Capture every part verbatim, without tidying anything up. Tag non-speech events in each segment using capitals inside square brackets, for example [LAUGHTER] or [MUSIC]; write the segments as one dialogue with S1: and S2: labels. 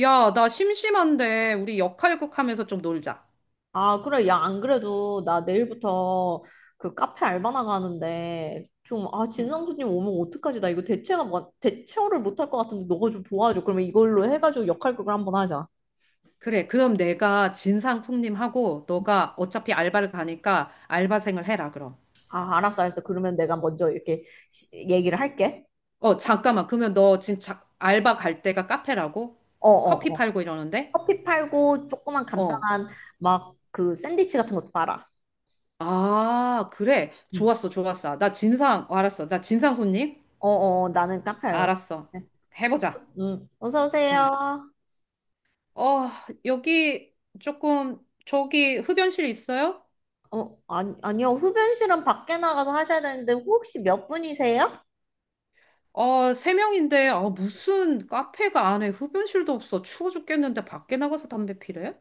S1: 야, 나 심심한데 우리 역할극 하면서 좀 놀자.
S2: 아, 그래. 야, 안 그래도 나 내일부터 그 카페 알바 나가는데 좀, 아,
S1: 응.
S2: 진상 손님 오면 어떡하지? 나 이거 대체가, 뭐- 대체어를 못할 것 같은데 너가 좀 도와줘. 그러면 이걸로 해가지고 역할극을 한번 하자.
S1: 그래, 그럼 내가 진상쿵님하고 너가 어차피 알바를 가니까 알바생을 해라, 그럼.
S2: 아, 알았어, 알았어. 그러면 내가 먼저 이렇게 시- 얘기를 할게.
S1: 어, 잠깐만. 그러면 너 진짜 알바 갈 데가 카페라고?
S2: 어,
S1: 커피
S2: 어, 어.
S1: 팔고 이러는데?
S2: 커피 팔고 조그만
S1: 어.
S2: 간단한 막 그 샌드위치 같은 것도 팔아.
S1: 아, 그래.
S2: 응.
S1: 좋았어, 좋았어. 나 진상, 어, 알았어. 나 진상손님?
S2: 어, 어, 어. 나는 카페 알바.
S1: 알았어.
S2: 네.
S1: 해보자.
S2: 응, 어서
S1: 응.
S2: 오세요.
S1: 어, 여기 조금, 저기 흡연실 있어요?
S2: 어, 아니, 아니요. 흡연실은 밖에 나가서 하셔야 되는데, 혹시 몇 분이세요?
S1: 아, 세 명인데, 아, 무슨 카페가 안에 흡연실도 없어. 추워 죽겠는데 밖에 나가서 담배 피래?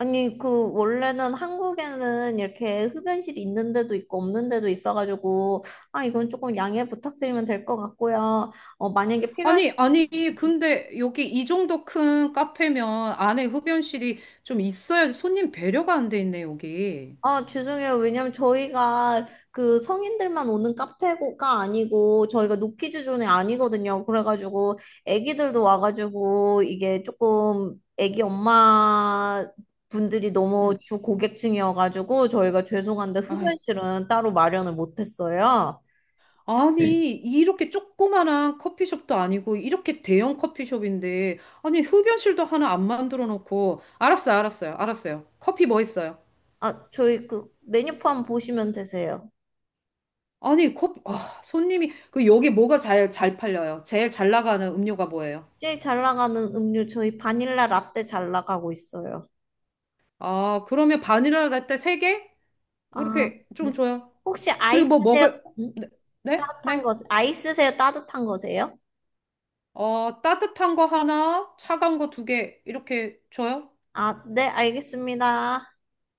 S2: 아니, 그, 원래는 한국에는 이렇게 흡연실이 있는 데도 있고 없는 데도 있어가지고, 아, 이건 조금 양해 부탁드리면 될 것 같고요. 어, 만약에
S1: 아니,
S2: 필요하시면,
S1: 아니, 근데 여기 이 정도 큰 카페면 안에 흡연실이 좀 있어야지 손님 배려가 안 돼 있네, 여기.
S2: 아, 죄송해요. 왜냐면 저희가 그 성인들만 오는 카페가 아니고, 저희가 노키즈 존이 아니거든요. 그래가지고, 애기들도 와가지고, 이게 조금 애기 엄마, 분들이 너무
S1: 응.
S2: 주 고객층이어가지고 저희가 죄송한데
S1: 아이,
S2: 흡연실은 따로 마련을 못했어요.
S1: 아니, 이렇게 조그만한 커피숍도 아니고, 이렇게 대형 커피숍인데, 아니, 흡연실도 하나 안 만들어 놓고, 알았어요, 알았어요, 알았어요. 커피 뭐 있어요?
S2: 아, 저희 그 메뉴판 보시면 되세요.
S1: 아니, 컵, 아, 손님이, 그, 여기 뭐가 잘, 잘 팔려요? 제일 잘 나가는 음료가 뭐예요?
S2: 제일 잘 나가는 음료 저희 바닐라 라떼 잘 나가고 있어요.
S1: 아, 그러면 바닐라 라떼 세개
S2: 아,
S1: 이렇게 좀
S2: 네.
S1: 줘요.
S2: 혹시
S1: 그리고 뭐
S2: 아이스세요?
S1: 먹을,
S2: 음?
S1: 네? 네?
S2: 따뜻한
S1: 네?
S2: 거, 아이스세요? 따뜻한 거세요?
S1: 어, 따뜻한 거 하나, 차가운 거 두 개, 이렇게 줘요?
S2: 아, 네, 알겠습니다.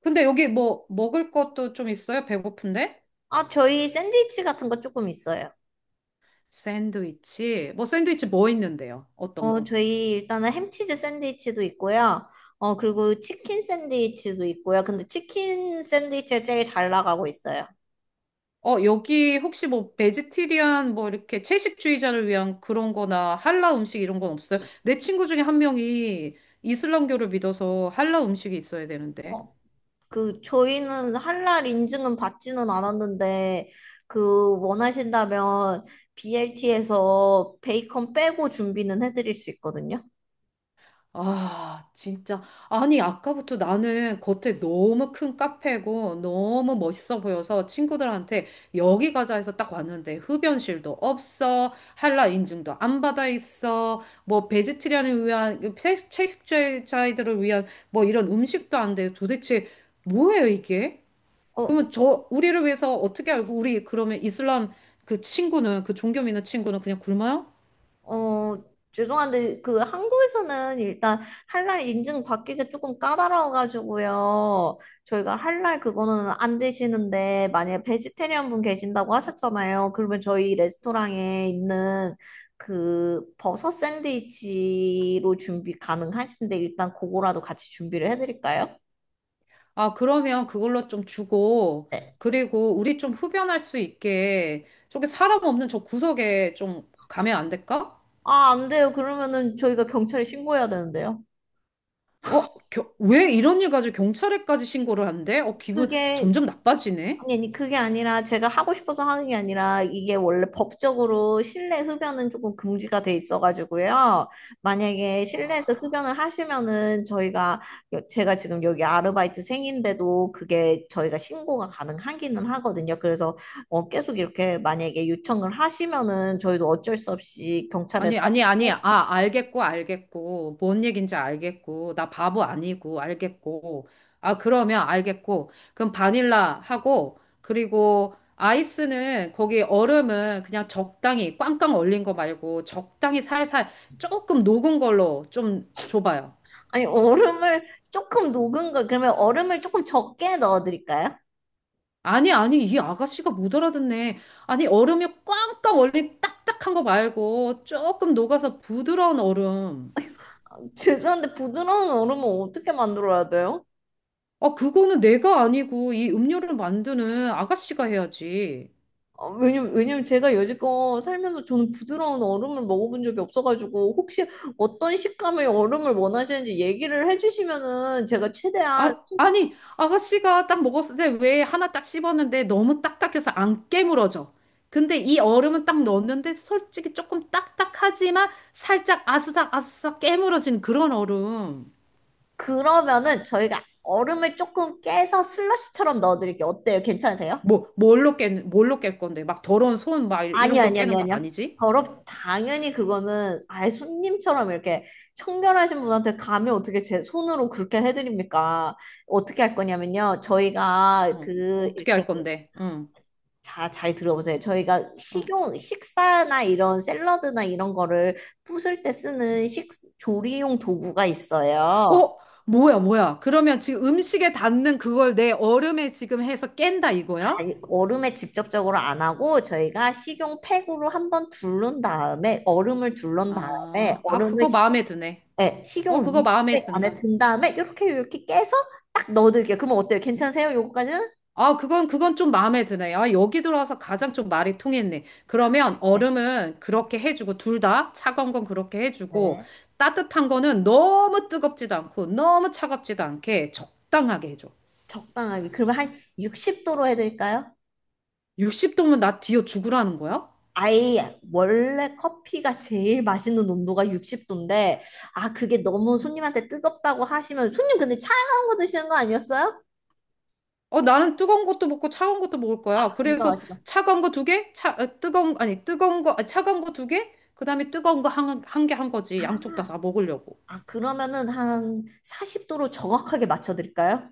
S1: 근데 여기 뭐, 먹을 것도 좀 있어요? 배고픈데?
S2: 아, 저희 샌드위치 같은 거 조금 있어요.
S1: 샌드위치? 뭐, 샌드위치 뭐 있는데요? 어떤
S2: 어,
S1: 거?
S2: 저희 일단은 햄치즈 샌드위치도 있고요. 어, 그리고 치킨 샌드위치도 있고요. 근데 치킨 샌드위치가 제일 잘 나가고 있어요.
S1: 어, 여기 혹시 뭐 베지테리안 뭐 이렇게 채식주의자를 위한 그런 거나 할라 음식 이런 건 없어요? 내 친구 중에 한 명이 이슬람교를 믿어서 할라 음식이 있어야 되는데.
S2: 어, 그 저희는 할랄 인증은 받지는 않았는데 그 원하신다면 비엘티에서 베이컨 빼고 준비는 해드릴 수 있거든요.
S1: 아, 진짜. 아니, 아까부터 나는 겉에 너무 큰 카페고 너무 멋있어 보여서 친구들한테 여기 가자 해서 딱 왔는데 흡연실도 없어, 한라 인증도 안 받아 있어, 뭐 베지테리안을 위한, 채- 채식주의자들을 위한 뭐 이런 음식도 안 돼. 도대체 뭐예요, 이게?
S2: 어,
S1: 그러면 저, 우리를 위해서 어떻게 알고 우리 그러면 이슬람 그 친구는, 그 종교 믿는 친구는 그냥 굶어요?
S2: 어, 죄송한데 그 한국에서는 일단 할랄 인증 받기가 조금 까다로워가지고요. 저희가 할랄 그거는 안 되시는데 만약에 베지테리언 분 계신다고 하셨잖아요. 그러면 저희 레스토랑에 있는 그 버섯 샌드위치로 준비 가능하신데 일단 그거라도 같이 준비를 해드릴까요?
S1: 아, 그러면 그걸로 좀 주고,
S2: 네.
S1: 그리고 우리 좀 흡연할 수 있게, 저기 사람 없는 저 구석에 좀 가면 안 될까?
S2: 아, 안 돼요. 그러면은 저희가 경찰에 신고해야 되는데요.
S1: 어, 겨- 왜 이런 일 가지고 경찰에까지 신고를 한대? 어, 기분
S2: 그게
S1: 점점 나빠지네?
S2: 아니, 아니, 그게 아니라 제가 하고 싶어서 하는 게 아니라 이게 원래 법적으로 실내 흡연은 조금 금지가 돼 있어가지고요. 만약에 실내에서 흡연을 하시면은 저희가, 여- 제가 지금 여기 아르바이트생인데도 그게 저희가 신고가 가능하기는 하거든요. 그래서 어, 계속 이렇게 만약에 요청을 하시면은 저희도 어쩔 수 없이
S1: 아니,
S2: 경찰에다가,
S1: 아니,
S2: 신-
S1: 아니. 아, 알겠고, 알겠고. 뭔 얘긴지 알겠고. 나 바보 아니고, 알겠고. 아, 그러면 알겠고. 그럼 바닐라 하고, 그리고 아이스는 거기 얼음은 그냥 적당히, 꽝꽝 얼린 거 말고, 적당히 살살 조금 녹은 걸로 좀 줘봐요.
S2: 아니, 얼음을 조금 녹은 걸, 그러면 얼음을 조금 적게 넣어드릴까요?
S1: 아니, 아니. 이 아가씨가 못 알아듣네. 아니, 얼음이 꽝꽝 얼린 딱딱한 거 말고, 조금 녹아서 부드러운 얼음.
S2: [LAUGHS] 죄송한데 부드러운 얼음은 어떻게 만들어야 돼요?
S1: 아, 그거는 내가 아니고 이 음료를 만드는 아가씨가 해야지.
S2: 어, 왜냐면, 왜냐면 제가 여지껏 살면서 저는 부드러운 얼음을 먹어본 적이 없어가지고 혹시 어떤 식감의 얼음을 원하시는지 얘기를 해주시면은 제가 최대한
S1: 아,
S2: 최소-
S1: 아니, 아가씨가 딱 먹었을 때 왜 하나 딱 씹었는데 너무 딱딱해서 안 깨물어져. 근데 이 얼음은 딱 넣었는데 솔직히 조금 딱딱하지만 살짝 아스삭 아스삭 깨물어진 그런 얼음.
S2: 그러면은 저희가 얼음을 조금 깨서 슬러시처럼 넣어드릴게요. 어때요? 괜찮으세요?
S1: 뭐, 뭘로 깨, 뭘로 깰 건데? 막 더러운 손 막
S2: 아니
S1: 이런 걸
S2: 아니 아니
S1: 깨는 거
S2: 아니요.
S1: 아니지?
S2: 더럽 당연히 그거는 아예 손님처럼 이렇게 청결하신 분한테 감히 어떻게 제 손으로 그렇게 해드립니까? 어떻게 할 거냐면요. 저희가
S1: 어,
S2: 그
S1: 어떻게
S2: 이렇게
S1: 할 건데? 응.
S2: 자, 잘 들어보세요. 저희가
S1: 어.
S2: 식용, 식사나 이런 샐러드나 이런 거를 부술 때 쓰는 식, 조리용 도구가 있어요.
S1: 어, 뭐야, 뭐야. 그러면 지금 음식에 닿는 그걸 내 얼음에 지금 해서 깬다 이거야?
S2: 아니, 얼음에 직접적으로 안 하고 저희가 식용 팩으로 한번 둘른 다음에 얼음을 둘른 다음에
S1: 아, 아,
S2: 얼음을
S1: 그거
S2: 식용,
S1: 마음에 드네.
S2: 네,
S1: 어,
S2: 식용
S1: 그거
S2: 윗
S1: 마음에
S2: 팩 안에
S1: 든다.
S2: 든 다음에 이렇게 이렇게 깨서 딱 넣어드릴게요. 그러면 어때요? 괜찮으세요? 요거까지는?
S1: 아, 그건, 그건 좀 마음에 드네. 아, 여기 들어와서 가장 좀 말이 통했네. 그러면
S2: 네.
S1: 얼음은 그렇게 해주고, 둘 다 차가운 건 그렇게 해주고,
S2: 네.
S1: 따뜻한 거는 너무 뜨겁지도 않고, 너무 차갑지도 않게 적당하게 해줘.
S2: 적당하게. 그러면 한 육십 도로 해드릴까요?
S1: 육십 도면 나 뒤어 죽으라는 거야?
S2: 아예 원래 커피가 제일 맛있는 온도가 육십 도인데 아, 그게 너무 손님한테 뜨겁다고 하시면 손님 근데 차가운 거 드시는 거 아니었어요?
S1: 어, 나는 뜨거운 것도 먹고 차가운 것도 먹을 거야.
S2: 아,
S1: 그래서
S2: 부정하시다.
S1: 차가운 거 두 개, 차, 어, 뜨거운, 아니, 뜨거운 거, 아, 차가운 거 두 개, 그 다음에 뜨거운 거 한, 한 개 한 거지. 양쪽 다, 다, 먹으려고.
S2: 아, 그러면은 한 사십 도로 정확하게 맞춰 드릴까요?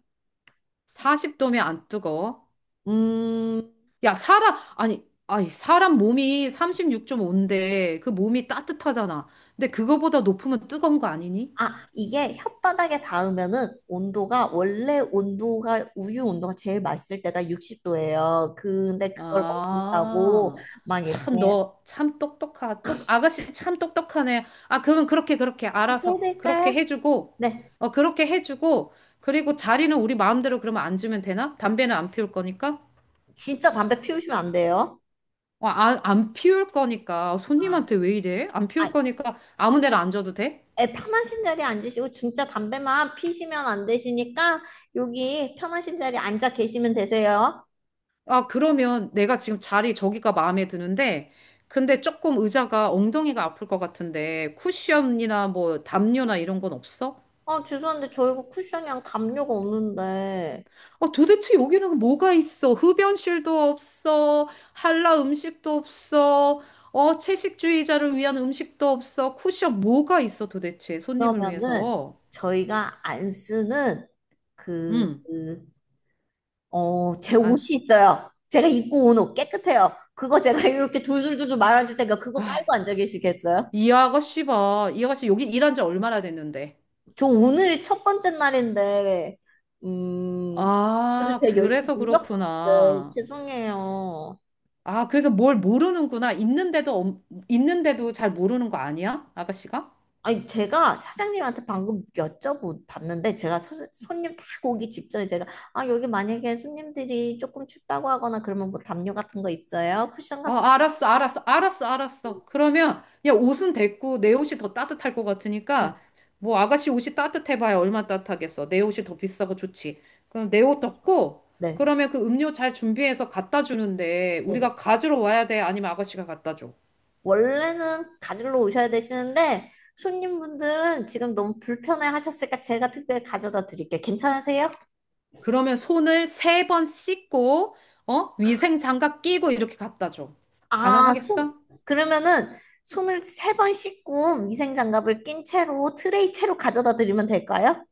S1: 사십 도면 안 뜨거워.
S2: 음.
S1: 야, 사람, 아니, 아니, 사람 몸이 삼십육 점 오인데 그 몸이 따뜻하잖아. 근데 그거보다 높으면 뜨거운 거 아니니?
S2: 아, 이게 혓바닥에 닿으면은 온도가 원래 온도가 우유 온도가 제일 맛있을 때가 육십 도예요. 근데 그걸 먹는다고
S1: 아,
S2: 막
S1: 참,
S2: 이렇게
S1: 너, 참 똑똑하, 똑, 아가씨 참 똑똑하네. 아, 그러면 그렇게, 그렇게,
S2: 그렇게
S1: 알아서,
S2: 해야
S1: 그렇게
S2: 될까요?
S1: 해주고,
S2: 네.
S1: 어, 그렇게 해주고, 그리고 자리는 우리 마음대로 그러면 안 주면 되나? 담배는 안 피울 거니까?
S2: 진짜 담배 피우시면 안 돼요.
S1: 어, 아, 안 피울 거니까.
S2: 아.
S1: 손님한테 왜 이래? 안 피울 거니까 아무 데나 안 줘도 돼?
S2: 에 편하신 자리에 앉으시고 진짜 담배만 피시면 안 되시니까 여기 편하신 자리에 앉아 계시면 되세요.
S1: 아, 그러면 내가 지금 자리 저기가 마음에 드는데, 근데 조금 의자가 엉덩이가 아플 것 같은데, 쿠션이나 뭐 담요나 이런 건 없어?
S2: 어, 죄송한데 저 이거 쿠션이랑 담요가 없는데
S1: 어, 도대체 여기는 뭐가 있어? 흡연실도 없어. 한라 음식도 없어. 어, 채식주의자를 위한 음식도 없어. 쿠션 뭐가 있어 도대체? 손님을
S2: 그러면은
S1: 위해서.
S2: 저희가 안 쓰는 그,
S1: 음.
S2: 그, 어, 제
S1: 안,
S2: 옷이
S1: 쓰-
S2: 있어요. 제가 입고 온 옷 깨끗해요. 그거 제가 [LAUGHS] 이렇게 돌돌돌돌 말아줄 테니까 그거
S1: 아,
S2: 깔고 앉아 계시겠어요?
S1: 이 아가씨 봐. 이 아가씨 여기 일한 지 얼마나 됐는데.
S2: 저 오늘이 첫 번째 날인데 음 그래도
S1: 아,
S2: 제가 열심히
S1: 그래서
S2: 노력. 네,
S1: 그렇구나.
S2: 죄송해요.
S1: 아, 그래서 뭘 모르는구나. 있는데도, 엄- 있는데도 잘 모르는 거 아니야? 아가씨가?
S2: 아니, 제가 사장님한테 방금 여쭤봤는데 제가 소, 손님 딱 오기 직전에 제가 아, 여기 만약에 손님들이 조금 춥다고 하거나 그러면 뭐 담요 같은 거 있어요? 쿠션 같은
S1: 아,
S2: 거?
S1: 알았어, 알았어, 알았어, 알았어. 그러면 야, 옷은 됐고 내 옷이 더 따뜻할 것
S2: 네,
S1: 같으니까 뭐 아가씨 옷이 따뜻해봐야 얼마 따뜻하겠어. 내 옷이 더 비싸고 좋지. 그럼 내 옷 덮고
S2: 네,
S1: 그러면 그 음료 잘 준비해서 갖다 주는데
S2: 네. 네.
S1: 우리가 가지러 와야 돼? 아니면 아가씨가 갖다 줘?
S2: 원래는 가지러 오셔야 되시는데 손님분들은 지금 너무 불편해 하셨으니까 제가 특별히 가져다 드릴게요. 괜찮으세요?
S1: 그러면 손을 세 번 씻고 어? 위생 장갑 끼고 이렇게 갖다 줘.
S2: 아, 손
S1: 가능하겠어?
S2: 그러면은 손을 세 번 씻고 위생 장갑을 낀 채로 트레이 채로 가져다 드리면 될까요?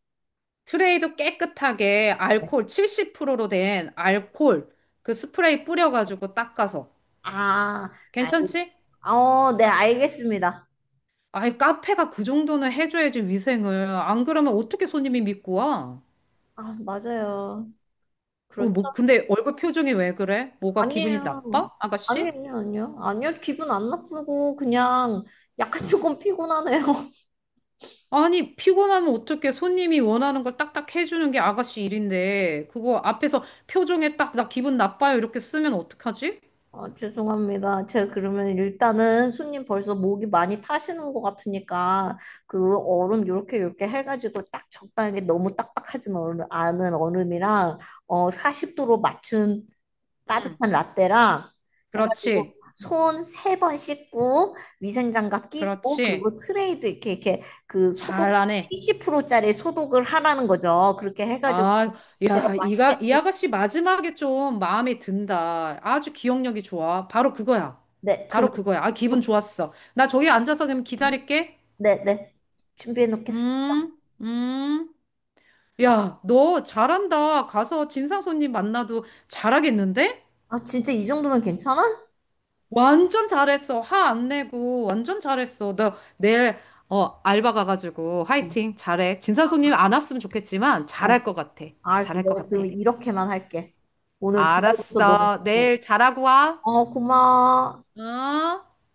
S1: 트레이도 깨끗하게 알코올 칠십 퍼센트로 된 알코올 그 스프레이 뿌려가지고 닦아서
S2: 아, 알,
S1: 괜찮지?
S2: 어, 네, 알겠습니다.
S1: 아이, 카페가 그 정도는 해줘야지 위생을. 안 그러면 어떻게 손님이 믿고 와?
S2: 아, 맞아요.
S1: 어,
S2: 그렇죠.
S1: 뭐, 근데 얼굴 표정이 왜 그래? 뭐가 기분이
S2: 아니에요.
S1: 나빠? 아가씨?
S2: 아니에요, 아니요. 아니요, 기분 안 나쁘고, 그냥 약간 조금 피곤하네요. [LAUGHS]
S1: 아니, 피곤하면 어떻게 손님이 원하는 걸 딱딱 해주는 게 아가씨 일인데, 그거 앞에서 표정에 딱, 나 기분 나빠요. 이렇게 쓰면 어떡하지?
S2: 아, 죄송합니다. 제가 그러면 일단은 손님 벌써 목이 많이 타시는 것 같으니까, 그 얼음 요렇게 요렇게 해가지고 딱 적당하게 너무 딱딱하진 얼음, 않은 얼음이랑, 어, 사십 도로 맞춘
S1: 응.
S2: 따뜻한 라떼랑 해가지고
S1: 그렇지.
S2: 손 세 번 씻고 위생장갑 끼고
S1: 그렇지.
S2: 그리고 트레이도 이렇게 이렇게 그 소독
S1: 잘하네.
S2: 칠십 퍼센트짜리 소독을 하라는 거죠. 그렇게 해가지고
S1: 아,
S2: 제가
S1: 야, 이가,
S2: 맛있게.
S1: 이 아가씨 마지막에 좀 마음에 든다. 아주 기억력이 좋아. 바로 그거야.
S2: 네, 그럼.
S1: 바로 그거야. 아, 기분 좋았어. 나 저기 앉아서 그럼 기다릴게.
S2: 네네, 준비해 놓겠습니다.
S1: 음, 음. 야, 너 잘한다. 가서 진상 손님 만나도 잘하겠는데?
S2: 아, 진짜 이 정도면 괜찮아?
S1: 완전 잘했어. 화 안 내고. 완전 잘했어. 너 내일, 어, 알바 가가지고
S2: 어,
S1: 화이팅. 잘해. 진상 손님 안 왔으면 좋겠지만 잘할
S2: 어.
S1: 것 같아.
S2: 알았어.
S1: 잘할 것
S2: 내가
S1: 같아.
S2: 그러면 이렇게만 할게. 오늘 도와줘서 너무
S1: 알았어.
S2: 고마워.
S1: 내일 잘하고 와.
S2: 어, 고마워.
S1: 어?